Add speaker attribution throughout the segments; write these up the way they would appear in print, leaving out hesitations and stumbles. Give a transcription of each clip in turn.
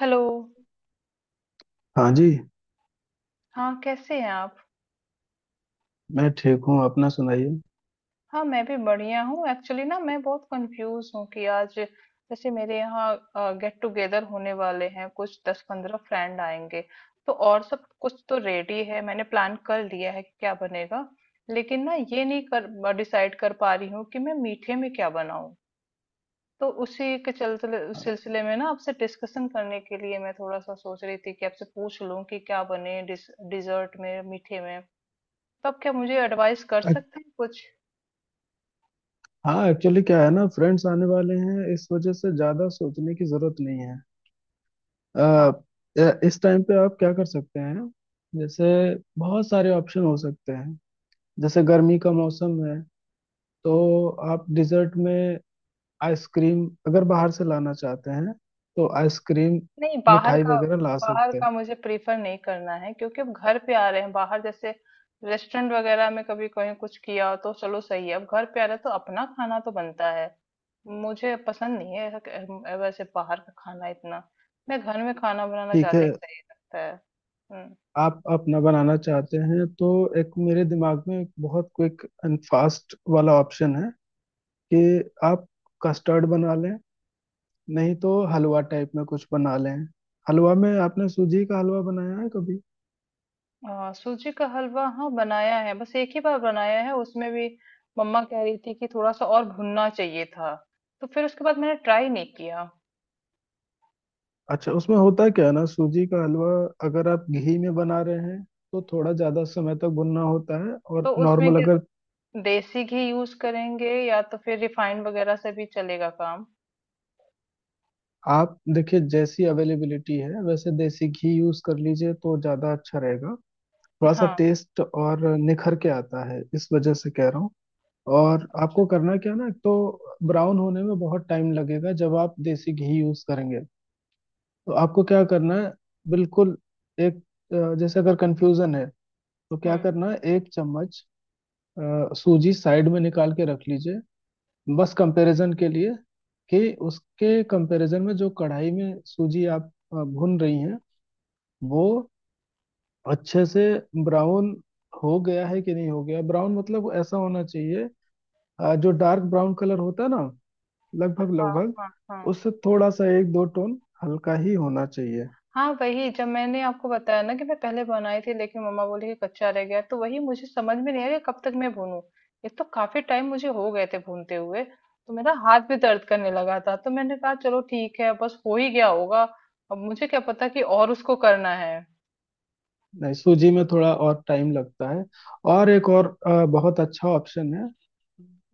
Speaker 1: Hello.
Speaker 2: हाँ जी।
Speaker 1: हाँ, कैसे हैं आप?
Speaker 2: मैं ठीक हूँ अपना सुनाइए।
Speaker 1: हाँ, मैं भी बढ़िया हूँ। एक्चुअली ना मैं बहुत कंफ्यूज हूँ कि आज जैसे मेरे यहाँ गेट टुगेदर होने वाले हैं, कुछ 10-15 फ्रेंड आएंगे। तो और सब कुछ तो रेडी है, मैंने प्लान कर लिया है कि क्या बनेगा, लेकिन ना ये नहीं कर डिसाइड कर पा रही हूँ कि मैं मीठे में क्या बनाऊँ। तो उसी के चलते उस सिलसिले में ना आपसे डिस्कशन करने के लिए मैं थोड़ा सा सोच रही थी कि आपसे पूछ लूँ कि क्या बने डिजर्ट में, मीठे में। तब क्या मुझे एडवाइस कर
Speaker 2: अ-
Speaker 1: सकते हैं कुछ?
Speaker 2: हाँ एक्चुअली क्या है ना फ्रेंड्स आने वाले हैं इस वजह से ज्यादा सोचने की जरूरत नहीं है। अ,
Speaker 1: हाँ।
Speaker 2: इस टाइम पे आप क्या कर सकते हैं। जैसे बहुत सारे ऑप्शन हो सकते हैं। जैसे गर्मी का मौसम है तो आप डिजर्ट में आइसक्रीम अगर बाहर से लाना चाहते हैं तो आइसक्रीम
Speaker 1: नहीं, बाहर
Speaker 2: मिठाई
Speaker 1: का।
Speaker 2: वगैरह ला
Speaker 1: बाहर
Speaker 2: सकते हैं।
Speaker 1: का मुझे प्रीफर नहीं करना है, क्योंकि अब घर पे आ रहे हैं। बाहर जैसे रेस्टोरेंट वगैरह में कभी कहीं कुछ किया तो चलो सही है, अब घर पे आ रहे हैं तो अपना खाना तो बनता है। मुझे पसंद नहीं है ऐसा, वैसे बाहर का खाना इतना मैं घर में खाना बनाना
Speaker 2: ठीक है।
Speaker 1: ज्यादा ही सही लगता है। हम्म।
Speaker 2: आप अपना बनाना चाहते हैं तो एक मेरे दिमाग में एक बहुत क्विक एंड फास्ट वाला ऑप्शन है कि आप कस्टर्ड बना लें, नहीं तो हलवा टाइप में कुछ बना लें। हलवा में आपने सूजी का हलवा बनाया है कभी?
Speaker 1: हाँ, सूजी का हलवा हाँ बनाया है, बस एक ही बार बनाया है। उसमें भी मम्मा कह रही थी कि थोड़ा सा और भुनना चाहिए था, तो फिर उसके बाद मैंने ट्राई नहीं किया।
Speaker 2: अच्छा उसमें होता क्या है ना सूजी का हलवा अगर आप घी में बना रहे हैं तो थोड़ा ज्यादा समय तक भुनना होता है।
Speaker 1: तो
Speaker 2: और
Speaker 1: उसमें
Speaker 2: नॉर्मल
Speaker 1: क्या
Speaker 2: अगर
Speaker 1: देसी घी यूज करेंगे या तो फिर रिफाइंड वगैरह से भी चलेगा काम?
Speaker 2: आप देखिए जैसी अवेलेबिलिटी है वैसे देसी घी यूज कर लीजिए तो ज्यादा अच्छा रहेगा। थोड़ा सा
Speaker 1: हाँ।
Speaker 2: टेस्ट और निखर के आता है इस वजह से कह रहा हूँ। और आपको करना क्या है ना एक तो ब्राउन होने में बहुत टाइम लगेगा जब आप देसी घी यूज करेंगे। तो आपको क्या करना है बिल्कुल एक जैसे अगर कंफ्यूजन है तो क्या
Speaker 1: हम्म।
Speaker 2: करना है एक चम्मच सूजी साइड में निकाल के रख लीजिए, बस कंपैरिजन के लिए। कि उसके कंपैरिजन में जो कढ़ाई में सूजी आप भून रही हैं वो अच्छे से ब्राउन हो गया है कि नहीं हो गया। ब्राउन मतलब ऐसा होना चाहिए, जो डार्क ब्राउन कलर होता है ना लगभग
Speaker 1: हाँ
Speaker 2: लगभग
Speaker 1: हाँ, हाँ।
Speaker 2: उससे थोड़ा सा एक दो टोन हल्का ही होना चाहिए।
Speaker 1: हाँ, वही जब मैंने आपको बताया ना कि मैं पहले बनाई थी लेकिन मम्मा बोली कि कच्चा रह गया, तो वही मुझे समझ में नहीं आया कि कब तक मैं भूनूं। एक तो काफी टाइम मुझे हो गए थे भूनते हुए, तो मेरा हाथ भी दर्द करने लगा था, तो मैंने कहा चलो ठीक है, बस हो ही गया होगा। अब मुझे क्या पता कि और उसको करना है।
Speaker 2: नहीं सूजी में थोड़ा और टाइम लगता है। और एक और बहुत अच्छा ऑप्शन है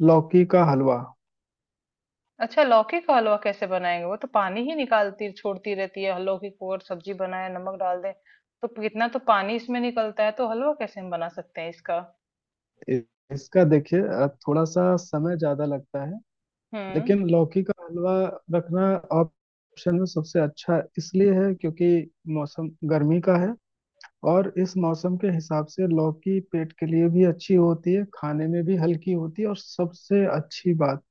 Speaker 2: लौकी का हलवा।
Speaker 1: अच्छा, लौकी का हलवा कैसे बनाएंगे? वो तो पानी ही निकालती छोड़ती रहती है लौकी को, और सब्जी बनाए नमक डाल दें तो कितना तो पानी इसमें निकलता है। तो हलवा कैसे हम बना सकते हैं इसका?
Speaker 2: इ- इसका देखिए थोड़ा सा समय ज्यादा लगता है,
Speaker 1: हम्म।
Speaker 2: लेकिन लौकी का हलवा रखना ऑप्शन में सबसे अच्छा इसलिए है क्योंकि मौसम गर्मी का है और इस मौसम के हिसाब से लौकी पेट के लिए भी अच्छी होती है, खाने में भी हल्की होती है। और सबसे अच्छी बात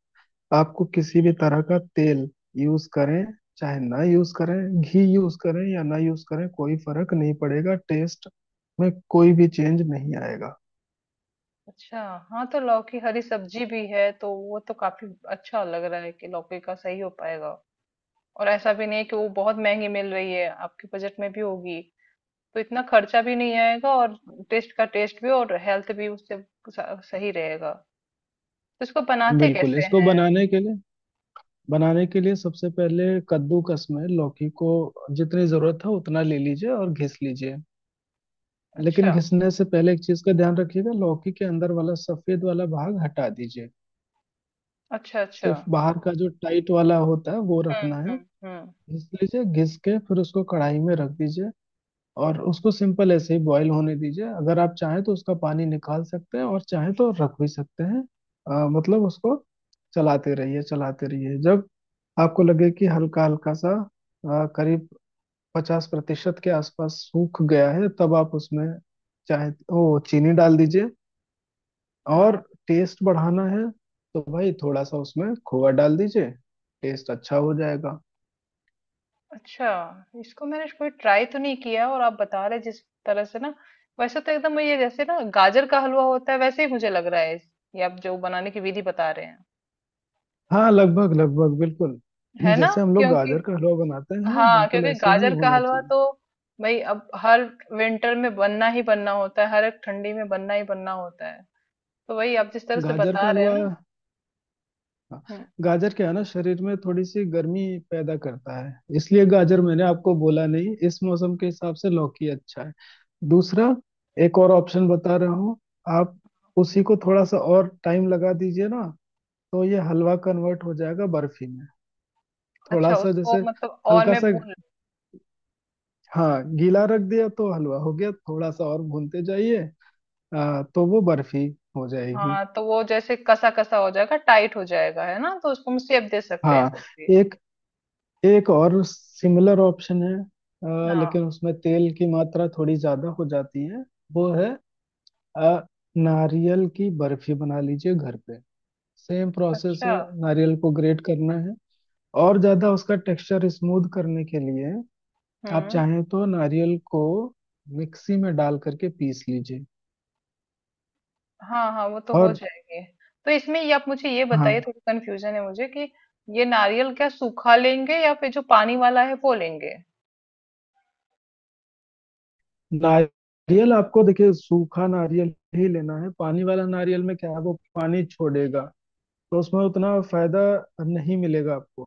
Speaker 2: आपको किसी भी तरह का तेल यूज करें चाहे ना यूज करें, घी यूज करें या ना यूज करें, कोई फर्क नहीं पड़ेगा। टेस्ट में कोई भी चेंज नहीं आएगा।
Speaker 1: अच्छा। हाँ, तो लौकी हरी सब्जी भी है तो वो तो काफी अच्छा लग रहा है कि लौकी का सही हो पाएगा। और ऐसा भी नहीं कि वो बहुत महंगी मिल रही है, आपके बजट में भी होगी तो इतना खर्चा भी नहीं आएगा। और टेस्ट का टेस्ट भी और हेल्थ भी उससे सही रहेगा। तो इसको बनाते
Speaker 2: बिल्कुल।
Speaker 1: कैसे
Speaker 2: इसको
Speaker 1: हैं?
Speaker 2: बनाने के लिए सबसे पहले कद्दूकस में लौकी को जितनी जरूरत है उतना ले लीजिए और घिस लीजिए। लेकिन
Speaker 1: अच्छा।
Speaker 2: घिसने से पहले एक चीज का ध्यान रखिएगा, लौकी के अंदर वाला सफेद वाला भाग हटा दीजिए।
Speaker 1: अच्छा। अच्छा।
Speaker 2: सिर्फ बाहर का जो टाइट वाला होता है वो रखना
Speaker 1: हम्म,
Speaker 2: है।
Speaker 1: हम्म, हम्म।
Speaker 2: घिस लीजिए, घिस के फिर उसको कढ़ाई में रख दीजिए। और उसको सिंपल ऐसे ही बॉईल होने दीजिए। अगर आप चाहें तो उसका पानी निकाल सकते हैं और चाहें तो रख भी सकते हैं। मतलब उसको चलाते रहिए चलाते रहिए, जब आपको लगे कि हल्का हल्का सा करीब 50% के आसपास सूख गया है तब आप उसमें चाहे तो चीनी डाल दीजिए। और
Speaker 1: हाँ।
Speaker 2: टेस्ट बढ़ाना है तो भाई थोड़ा सा उसमें खोआ डाल दीजिए। टेस्ट अच्छा हो जाएगा।
Speaker 1: अच्छा, इसको मैंने कोई ट्राई तो नहीं किया, और आप बता रहे जिस तरह से ना, वैसे तो एकदम ये जैसे ना गाजर का हलवा होता है वैसे ही मुझे लग रहा है ये आप जो बनाने की विधि बता रहे हैं।
Speaker 2: हाँ लगभग लगभग बिल्कुल।
Speaker 1: है ना,
Speaker 2: जैसे हम लोग
Speaker 1: क्योंकि
Speaker 2: गाजर का हलवा बनाते हैं
Speaker 1: हाँ,
Speaker 2: बिल्कुल
Speaker 1: क्योंकि
Speaker 2: ऐसे ही
Speaker 1: गाजर का
Speaker 2: होना
Speaker 1: हलवा
Speaker 2: चाहिए
Speaker 1: तो भाई अब हर विंटर में बनना ही बनना होता है, हर एक ठंडी में बनना ही बनना होता है। तो वही आप जिस तरह से
Speaker 2: गाजर का
Speaker 1: बता रहे हैं
Speaker 2: हलवा।
Speaker 1: ना।
Speaker 2: हाँ,
Speaker 1: हम्म।
Speaker 2: गाजर क्या है ना शरीर में थोड़ी सी गर्मी पैदा करता है, इसलिए गाजर मैंने आपको बोला नहीं। इस मौसम के हिसाब से लौकी अच्छा है। दूसरा एक और ऑप्शन बता रहा हूँ। आप उसी को थोड़ा सा और टाइम लगा दीजिए ना, तो ये हलवा कन्वर्ट हो जाएगा बर्फी में। थोड़ा
Speaker 1: अच्छा,
Speaker 2: सा
Speaker 1: उसको
Speaker 2: जैसे
Speaker 1: मतलब और
Speaker 2: हल्का
Speaker 1: मैं
Speaker 2: सा,
Speaker 1: भून।
Speaker 2: हाँ गीला रख दिया तो हलवा हो गया, थोड़ा सा और भूनते जाइए तो वो बर्फी हो जाएगी।
Speaker 1: हाँ, तो वो जैसे कसा कसा हो जाएगा, टाइट हो जाएगा है ना, तो उसको हम शेप दे सकते हैं
Speaker 2: हाँ।
Speaker 1: कोई भी।
Speaker 2: एक एक और सिमिलर ऑप्शन है,
Speaker 1: हाँ।
Speaker 2: लेकिन उसमें तेल की मात्रा थोड़ी ज्यादा हो जाती है। वो है आ, नारियल की बर्फी बना लीजिए घर पे। सेम प्रोसेस
Speaker 1: अच्छा।
Speaker 2: है। नारियल को ग्रेट करना है। और ज्यादा उसका टेक्सचर स्मूथ करने के लिए आप
Speaker 1: हुँ।
Speaker 2: चाहें तो नारियल को मिक्सी में डाल करके पीस लीजिए।
Speaker 1: हाँ, हाँ, वो तो हो
Speaker 2: और
Speaker 1: जाएगी। तो इसमें ये आप मुझे ये बताइए,
Speaker 2: हाँ,
Speaker 1: थोड़ी कन्फ्यूज़न है मुझे कि ये नारियल क्या सूखा लेंगे या फिर जो पानी वाला है वो लेंगे?
Speaker 2: नारियल आपको देखिए सूखा नारियल ही लेना है। पानी वाला नारियल में क्या है, वो पानी छोड़ेगा तो उसमें उतना फायदा नहीं मिलेगा आपको।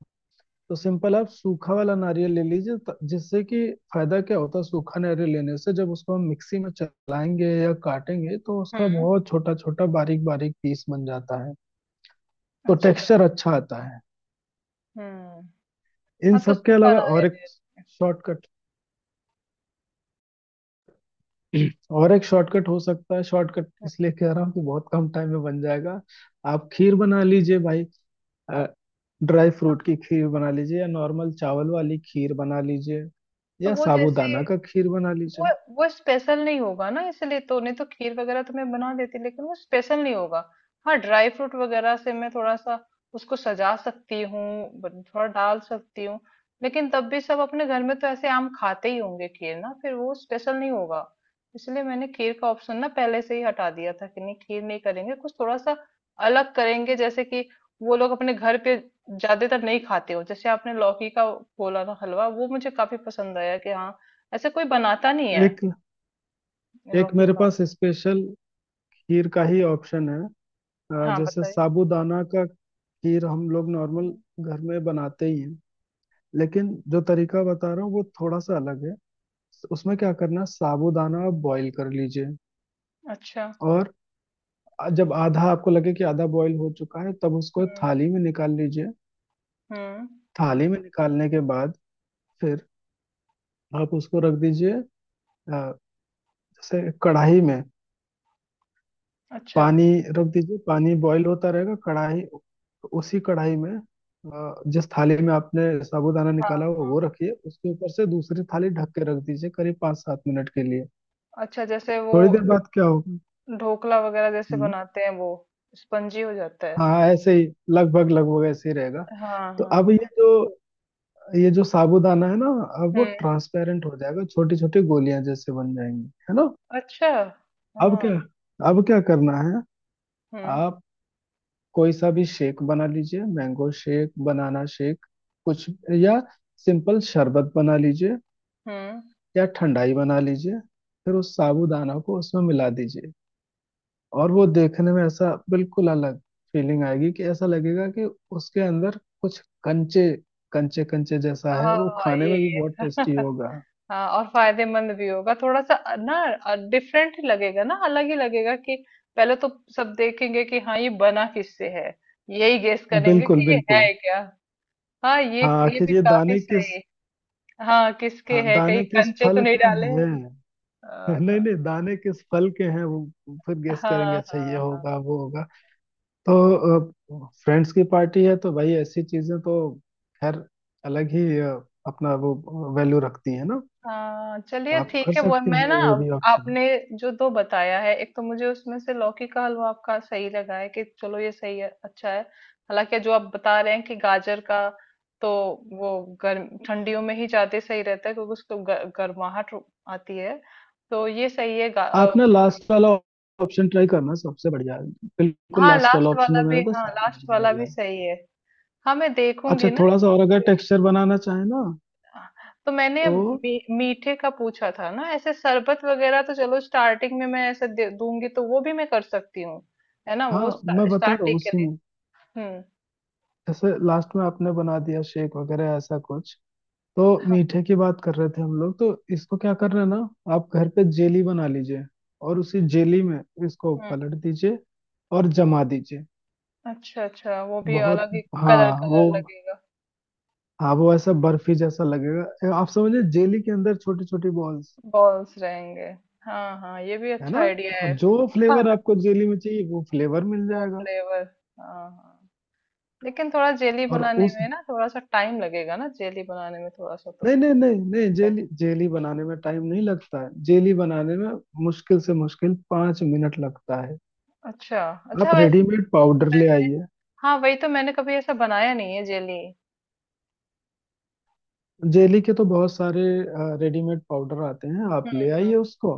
Speaker 2: तो सिंपल आप सूखा वाला नारियल ले लीजिए, जिससे कि फायदा क्या होता है सूखा नारियल लेने से जब उसको हम मिक्सी में चलाएंगे या काटेंगे तो
Speaker 1: हुँ,
Speaker 2: उसका बहुत छोटा छोटा बारीक बारीक पीस बन जाता है। तो
Speaker 1: अच्छा।
Speaker 2: टेक्सचर अच्छा आता है।
Speaker 1: हुँ।
Speaker 2: इन
Speaker 1: हाँ, तो
Speaker 2: सब के
Speaker 1: सूखा
Speaker 2: अलावा और
Speaker 1: नारियल
Speaker 2: एक
Speaker 1: ले।
Speaker 2: शॉर्टकट। और एक शॉर्टकट हो सकता है। शॉर्टकट इसलिए कह रहा हूँ कि बहुत कम टाइम में बन जाएगा। आप खीर बना लीजिए भाई। ड्राई फ्रूट की खीर बना लीजिए या नॉर्मल चावल वाली खीर बना लीजिए
Speaker 1: तो
Speaker 2: या
Speaker 1: वो जैसे
Speaker 2: साबूदाना का खीर बना
Speaker 1: वो
Speaker 2: लीजिए।
Speaker 1: वो स्पेशल नहीं होगा ना, इसलिए। तो नहीं तो खीर वगैरह तो मैं बना देती, लेकिन वो स्पेशल नहीं होगा। हाँ, ड्राई फ्रूट वगैरह से मैं थोड़ा सा उसको सजा सकती हूँ, थोड़ा डाल सकती हूँ, लेकिन तब भी सब अपने घर में तो ऐसे आम खाते ही होंगे खीर ना, फिर वो स्पेशल नहीं होगा। इसलिए मैंने खीर का ऑप्शन ना पहले से ही हटा दिया था कि नहीं, खीर नहीं करेंगे, कुछ थोड़ा सा अलग करेंगे। जैसे कि वो लोग अपने घर पे ज्यादातर नहीं खाते हो, जैसे आपने लौकी का बोला ना हलवा, वो मुझे काफी पसंद आया कि हाँ, ऐसे कोई बनाता नहीं है
Speaker 2: एक
Speaker 1: इन
Speaker 2: एक
Speaker 1: लौकी
Speaker 2: मेरे
Speaker 1: का।
Speaker 2: पास स्पेशल खीर का ही ऑप्शन है।
Speaker 1: हाँ,
Speaker 2: जैसे
Speaker 1: बताइए।
Speaker 2: साबूदाना का खीर हम लोग नॉर्मल घर में बनाते ही हैं, लेकिन जो तरीका बता रहा हूँ वो थोड़ा सा अलग है। उसमें क्या करना है साबूदाना आप बॉईल कर लीजिए।
Speaker 1: अच्छा।
Speaker 2: और जब आधा आपको लगे कि आधा बॉईल हो चुका है तब उसको
Speaker 1: हम्म,
Speaker 2: थाली में निकाल लीजिए।
Speaker 1: हम्म।
Speaker 2: थाली में निकालने के बाद फिर आप उसको रख दीजिए। अ, जैसे कढ़ाई में
Speaker 1: अच्छा।
Speaker 2: पानी रख दीजिए, पानी बॉईल होता रहेगा कढ़ाई उसी कढ़ाई में जिस थाली में आपने साबूदाना
Speaker 1: हाँ,
Speaker 2: निकाला हुआ
Speaker 1: हाँ।
Speaker 2: वो रखिए, उसके ऊपर से दूसरी थाली ढक के रख दीजिए करीब 5-7 मिनट के लिए।
Speaker 1: अच्छा, जैसे वो
Speaker 2: थोड़ी देर बाद क्या होगा।
Speaker 1: ढोकला वगैरह जैसे
Speaker 2: हम्म,
Speaker 1: बनाते हैं वो स्पंजी हो जाता है।
Speaker 2: हाँ ऐसे ही, लगभग लगभग ऐसे ही रहेगा।
Speaker 1: हाँ,
Speaker 2: तो
Speaker 1: हाँ।
Speaker 2: अब ये जो साबूदाना है ना, अब वो
Speaker 1: हम्म।
Speaker 2: ट्रांसपेरेंट हो जाएगा, छोटी छोटी गोलियां जैसे बन जाएंगी, है ना।
Speaker 1: अच्छा।
Speaker 2: अब
Speaker 1: हाँ।
Speaker 2: क्या अब क्या करना है,
Speaker 1: हम्म।
Speaker 2: आप कोई सा भी शेक बना लीजिए। मैंगो शेक बनाना, शेक कुछ, या सिंपल शरबत बना लीजिए
Speaker 1: हम्म।
Speaker 2: या ठंडाई बना लीजिए। फिर उस साबूदाना को उसमें मिला दीजिए। और वो देखने में ऐसा बिल्कुल अलग फीलिंग आएगी कि ऐसा लगेगा कि उसके अंदर कुछ कंचे कंचे कंचे जैसा है।
Speaker 1: हाँ,
Speaker 2: वो
Speaker 1: हाँ,
Speaker 2: खाने में भी
Speaker 1: ये
Speaker 2: बहुत टेस्टी होगा।
Speaker 1: हाँ, और फायदेमंद भी होगा थोड़ा सा, ना डिफरेंट ही लगेगा ना, अलग ही लगेगा कि पहले तो सब देखेंगे कि हाँ ये बना किससे है, यही गेस करेंगे
Speaker 2: बिल्कुल
Speaker 1: कि ये
Speaker 2: बिल्कुल।
Speaker 1: है क्या। हाँ, ये।
Speaker 2: हाँ
Speaker 1: ये
Speaker 2: आखिर
Speaker 1: भी
Speaker 2: ये
Speaker 1: काफी
Speaker 2: दाने किस
Speaker 1: सही। हाँ, किसके
Speaker 2: हाँ,
Speaker 1: है, कहीं
Speaker 2: दाने किस
Speaker 1: कंचे तो
Speaker 2: फल
Speaker 1: नहीं
Speaker 2: के
Speaker 1: डाले हैं?
Speaker 2: हैं?
Speaker 1: हाँ।
Speaker 2: नहीं नहीं दाने किस फल के हैं, वो फिर गेस
Speaker 1: हाँ।
Speaker 2: करेंगे, अच्छा ये
Speaker 1: हाँ। हाँ।
Speaker 2: होगा वो होगा। तो फ्रेंड्स की पार्टी है तो भाई ऐसी चीजें तो खैर अलग ही अपना वो वैल्यू रखती है ना।
Speaker 1: हाँ, चलिए
Speaker 2: आप कर
Speaker 1: ठीक है, वो
Speaker 2: सकती
Speaker 1: मैं
Speaker 2: हैं
Speaker 1: ना।
Speaker 2: ये भी ऑप्शन।
Speaker 1: आपने जो दो बताया है, एक तो मुझे उसमें से लौकी का हलवा आपका सही लगा है कि चलो ये सही है, अच्छा है। हालांकि जो आप बता रहे हैं कि गाजर का, तो वो गर्म ठंडियों में ही ज्यादा सही रहता है क्योंकि उसको गर्माहट आती है। तो ये सही है
Speaker 2: आप ना लास्ट वाला ऑप्शन ट्राई करना सबसे बढ़िया है। बिल्कुल
Speaker 1: हाँ,
Speaker 2: लास्ट वाला
Speaker 1: लास्ट
Speaker 2: ऑप्शन
Speaker 1: वाला
Speaker 2: जो
Speaker 1: भी,
Speaker 2: मेरा था
Speaker 1: हाँ
Speaker 2: साबुन
Speaker 1: लास्ट
Speaker 2: नहीं
Speaker 1: वाला
Speaker 2: मिल
Speaker 1: भी
Speaker 2: रहा है।
Speaker 1: सही है। हाँ, मैं
Speaker 2: अच्छा
Speaker 1: देखूंगी ना
Speaker 2: थोड़ा सा और अगर टेक्सचर बनाना चाहे ना
Speaker 1: तो मैंने
Speaker 2: तो,
Speaker 1: मीठे का पूछा था ना, ऐसे शरबत वगैरह तो चलो स्टार्टिंग में मैं ऐसे दे दूंगी, तो वो भी मैं कर सकती हूँ। है ना,
Speaker 2: हाँ
Speaker 1: वो
Speaker 2: मैं बता रहा हूँ
Speaker 1: स्टार्टिंग के
Speaker 2: उसी
Speaker 1: लिए।
Speaker 2: में।
Speaker 1: हम्म।
Speaker 2: जैसे लास्ट में आपने बना दिया शेक वगैरह ऐसा कुछ, तो
Speaker 1: हाँ।
Speaker 2: मीठे की बात कर रहे थे हम लोग तो इसको क्या करना ना, आप घर पे जेली बना लीजिए। और उसी जेली में इसको
Speaker 1: हम्म।
Speaker 2: पलट दीजिए और जमा दीजिए।
Speaker 1: अच्छा, अच्छा, वो भी
Speaker 2: बहुत
Speaker 1: अलग ही
Speaker 2: हाँ
Speaker 1: कलर
Speaker 2: वो
Speaker 1: कलर लगेगा।
Speaker 2: हाँ वो ऐसा बर्फी जैसा लगेगा। आप समझिए जेली के अंदर छोटी छोटी बॉल्स,
Speaker 1: बॉल्स रहेंगे। हाँ, हाँ, ये भी
Speaker 2: है
Speaker 1: अच्छा
Speaker 2: ना।
Speaker 1: आइडिया
Speaker 2: और
Speaker 1: है।
Speaker 2: जो फ्लेवर
Speaker 1: खाना,
Speaker 2: आपको जेली में चाहिए वो फ्लेवर मिल
Speaker 1: वो
Speaker 2: जाएगा।
Speaker 1: फ्लेवर। हाँ, हाँ, लेकिन थोड़ा जेली
Speaker 2: और
Speaker 1: बनाने
Speaker 2: उस
Speaker 1: में ना, थोड़ा सा टाइम लगेगा ना जेली बनाने में, थोड़ा सा तो
Speaker 2: नहीं नहीं नहीं नहीं
Speaker 1: लगता है।
Speaker 2: जेली जेली बनाने में टाइम नहीं लगता है। जेली बनाने में मुश्किल से मुश्किल 5 मिनट लगता है।
Speaker 1: अच्छा, अच्छा,
Speaker 2: आप
Speaker 1: वैसे
Speaker 2: रेडीमेड पाउडर ले
Speaker 1: मैंने,
Speaker 2: आइए।
Speaker 1: हाँ, वही तो मैंने कभी ऐसा बनाया नहीं है जेली।
Speaker 2: जेली के तो बहुत सारे रेडीमेड पाउडर आते हैं, आप
Speaker 1: हम्म,
Speaker 2: ले
Speaker 1: हम्म।
Speaker 2: आइए उसको।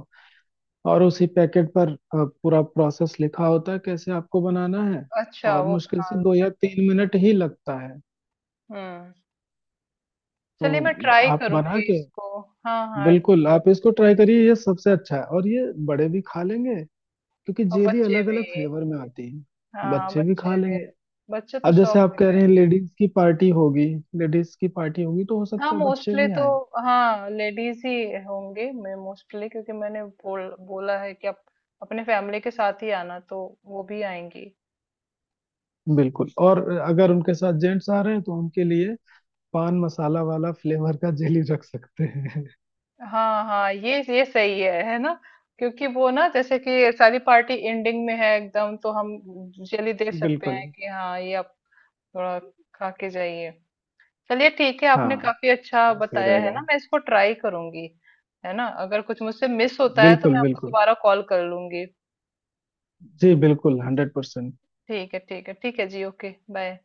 Speaker 2: और उसी पैकेट पर पूरा प्रोसेस लिखा होता है कैसे आपको बनाना है।
Speaker 1: अच्छा,
Speaker 2: और
Speaker 1: वो
Speaker 2: मुश्किल
Speaker 1: बना
Speaker 2: से
Speaker 1: लो।
Speaker 2: 2 या 3 मिनट ही लगता है।
Speaker 1: हम्म। चलिए, मैं
Speaker 2: तो
Speaker 1: ट्राई
Speaker 2: आप बना
Speaker 1: करूंगी
Speaker 2: के
Speaker 1: इसको। हाँ, हाँ,
Speaker 2: बिल्कुल
Speaker 1: जो।
Speaker 2: आप इसको ट्राई करिए। ये सबसे अच्छा है और ये बड़े भी खा लेंगे, क्योंकि
Speaker 1: और
Speaker 2: जेली
Speaker 1: बच्चे
Speaker 2: अलग
Speaker 1: भी,
Speaker 2: अलग फ्लेवर में आती है
Speaker 1: हाँ
Speaker 2: बच्चे भी खा
Speaker 1: बच्चे भी,
Speaker 2: लेंगे।
Speaker 1: बच्चे तो
Speaker 2: अब जैसे
Speaker 1: शौक
Speaker 2: आप
Speaker 1: से
Speaker 2: कह रहे हैं
Speaker 1: खाएंगे।
Speaker 2: लेडीज की पार्टी होगी, तो हो
Speaker 1: हाँ,
Speaker 2: सकता है बच्चे
Speaker 1: मोस्टली
Speaker 2: भी
Speaker 1: तो,
Speaker 2: आए।
Speaker 1: हाँ लेडीज ही होंगे मैं मोस्टली, क्योंकि मैंने बोला है कि आप अपने फैमिली के साथ ही आना तो वो भी आएंगी।
Speaker 2: बिल्कुल। और अगर उनके साथ जेंट्स आ रहे हैं तो उनके लिए पान मसाला वाला फ्लेवर का जेली रख सकते हैं।
Speaker 1: हाँ, हाँ, ये सही है ना, क्योंकि वो ना जैसे कि सारी पार्टी एंडिंग में है एकदम, तो हम जल्दी दे सकते
Speaker 2: बिल्कुल।
Speaker 1: हैं कि हाँ ये आप थोड़ा खा के जाइए। चलिए ठीक है, आपने
Speaker 2: हाँ
Speaker 1: काफी अच्छा
Speaker 2: ये सही
Speaker 1: बताया है
Speaker 2: रहेगा।
Speaker 1: ना, मैं इसको ट्राई करूंगी। है ना, अगर कुछ मुझसे मिस होता है तो
Speaker 2: बिल्कुल
Speaker 1: मैं आपको
Speaker 2: बिल्कुल
Speaker 1: दोबारा कॉल कर लूंगी।
Speaker 2: जी बिल्कुल 100%।
Speaker 1: ठीक है, ठीक है, ठीक है जी, ओके। बाय।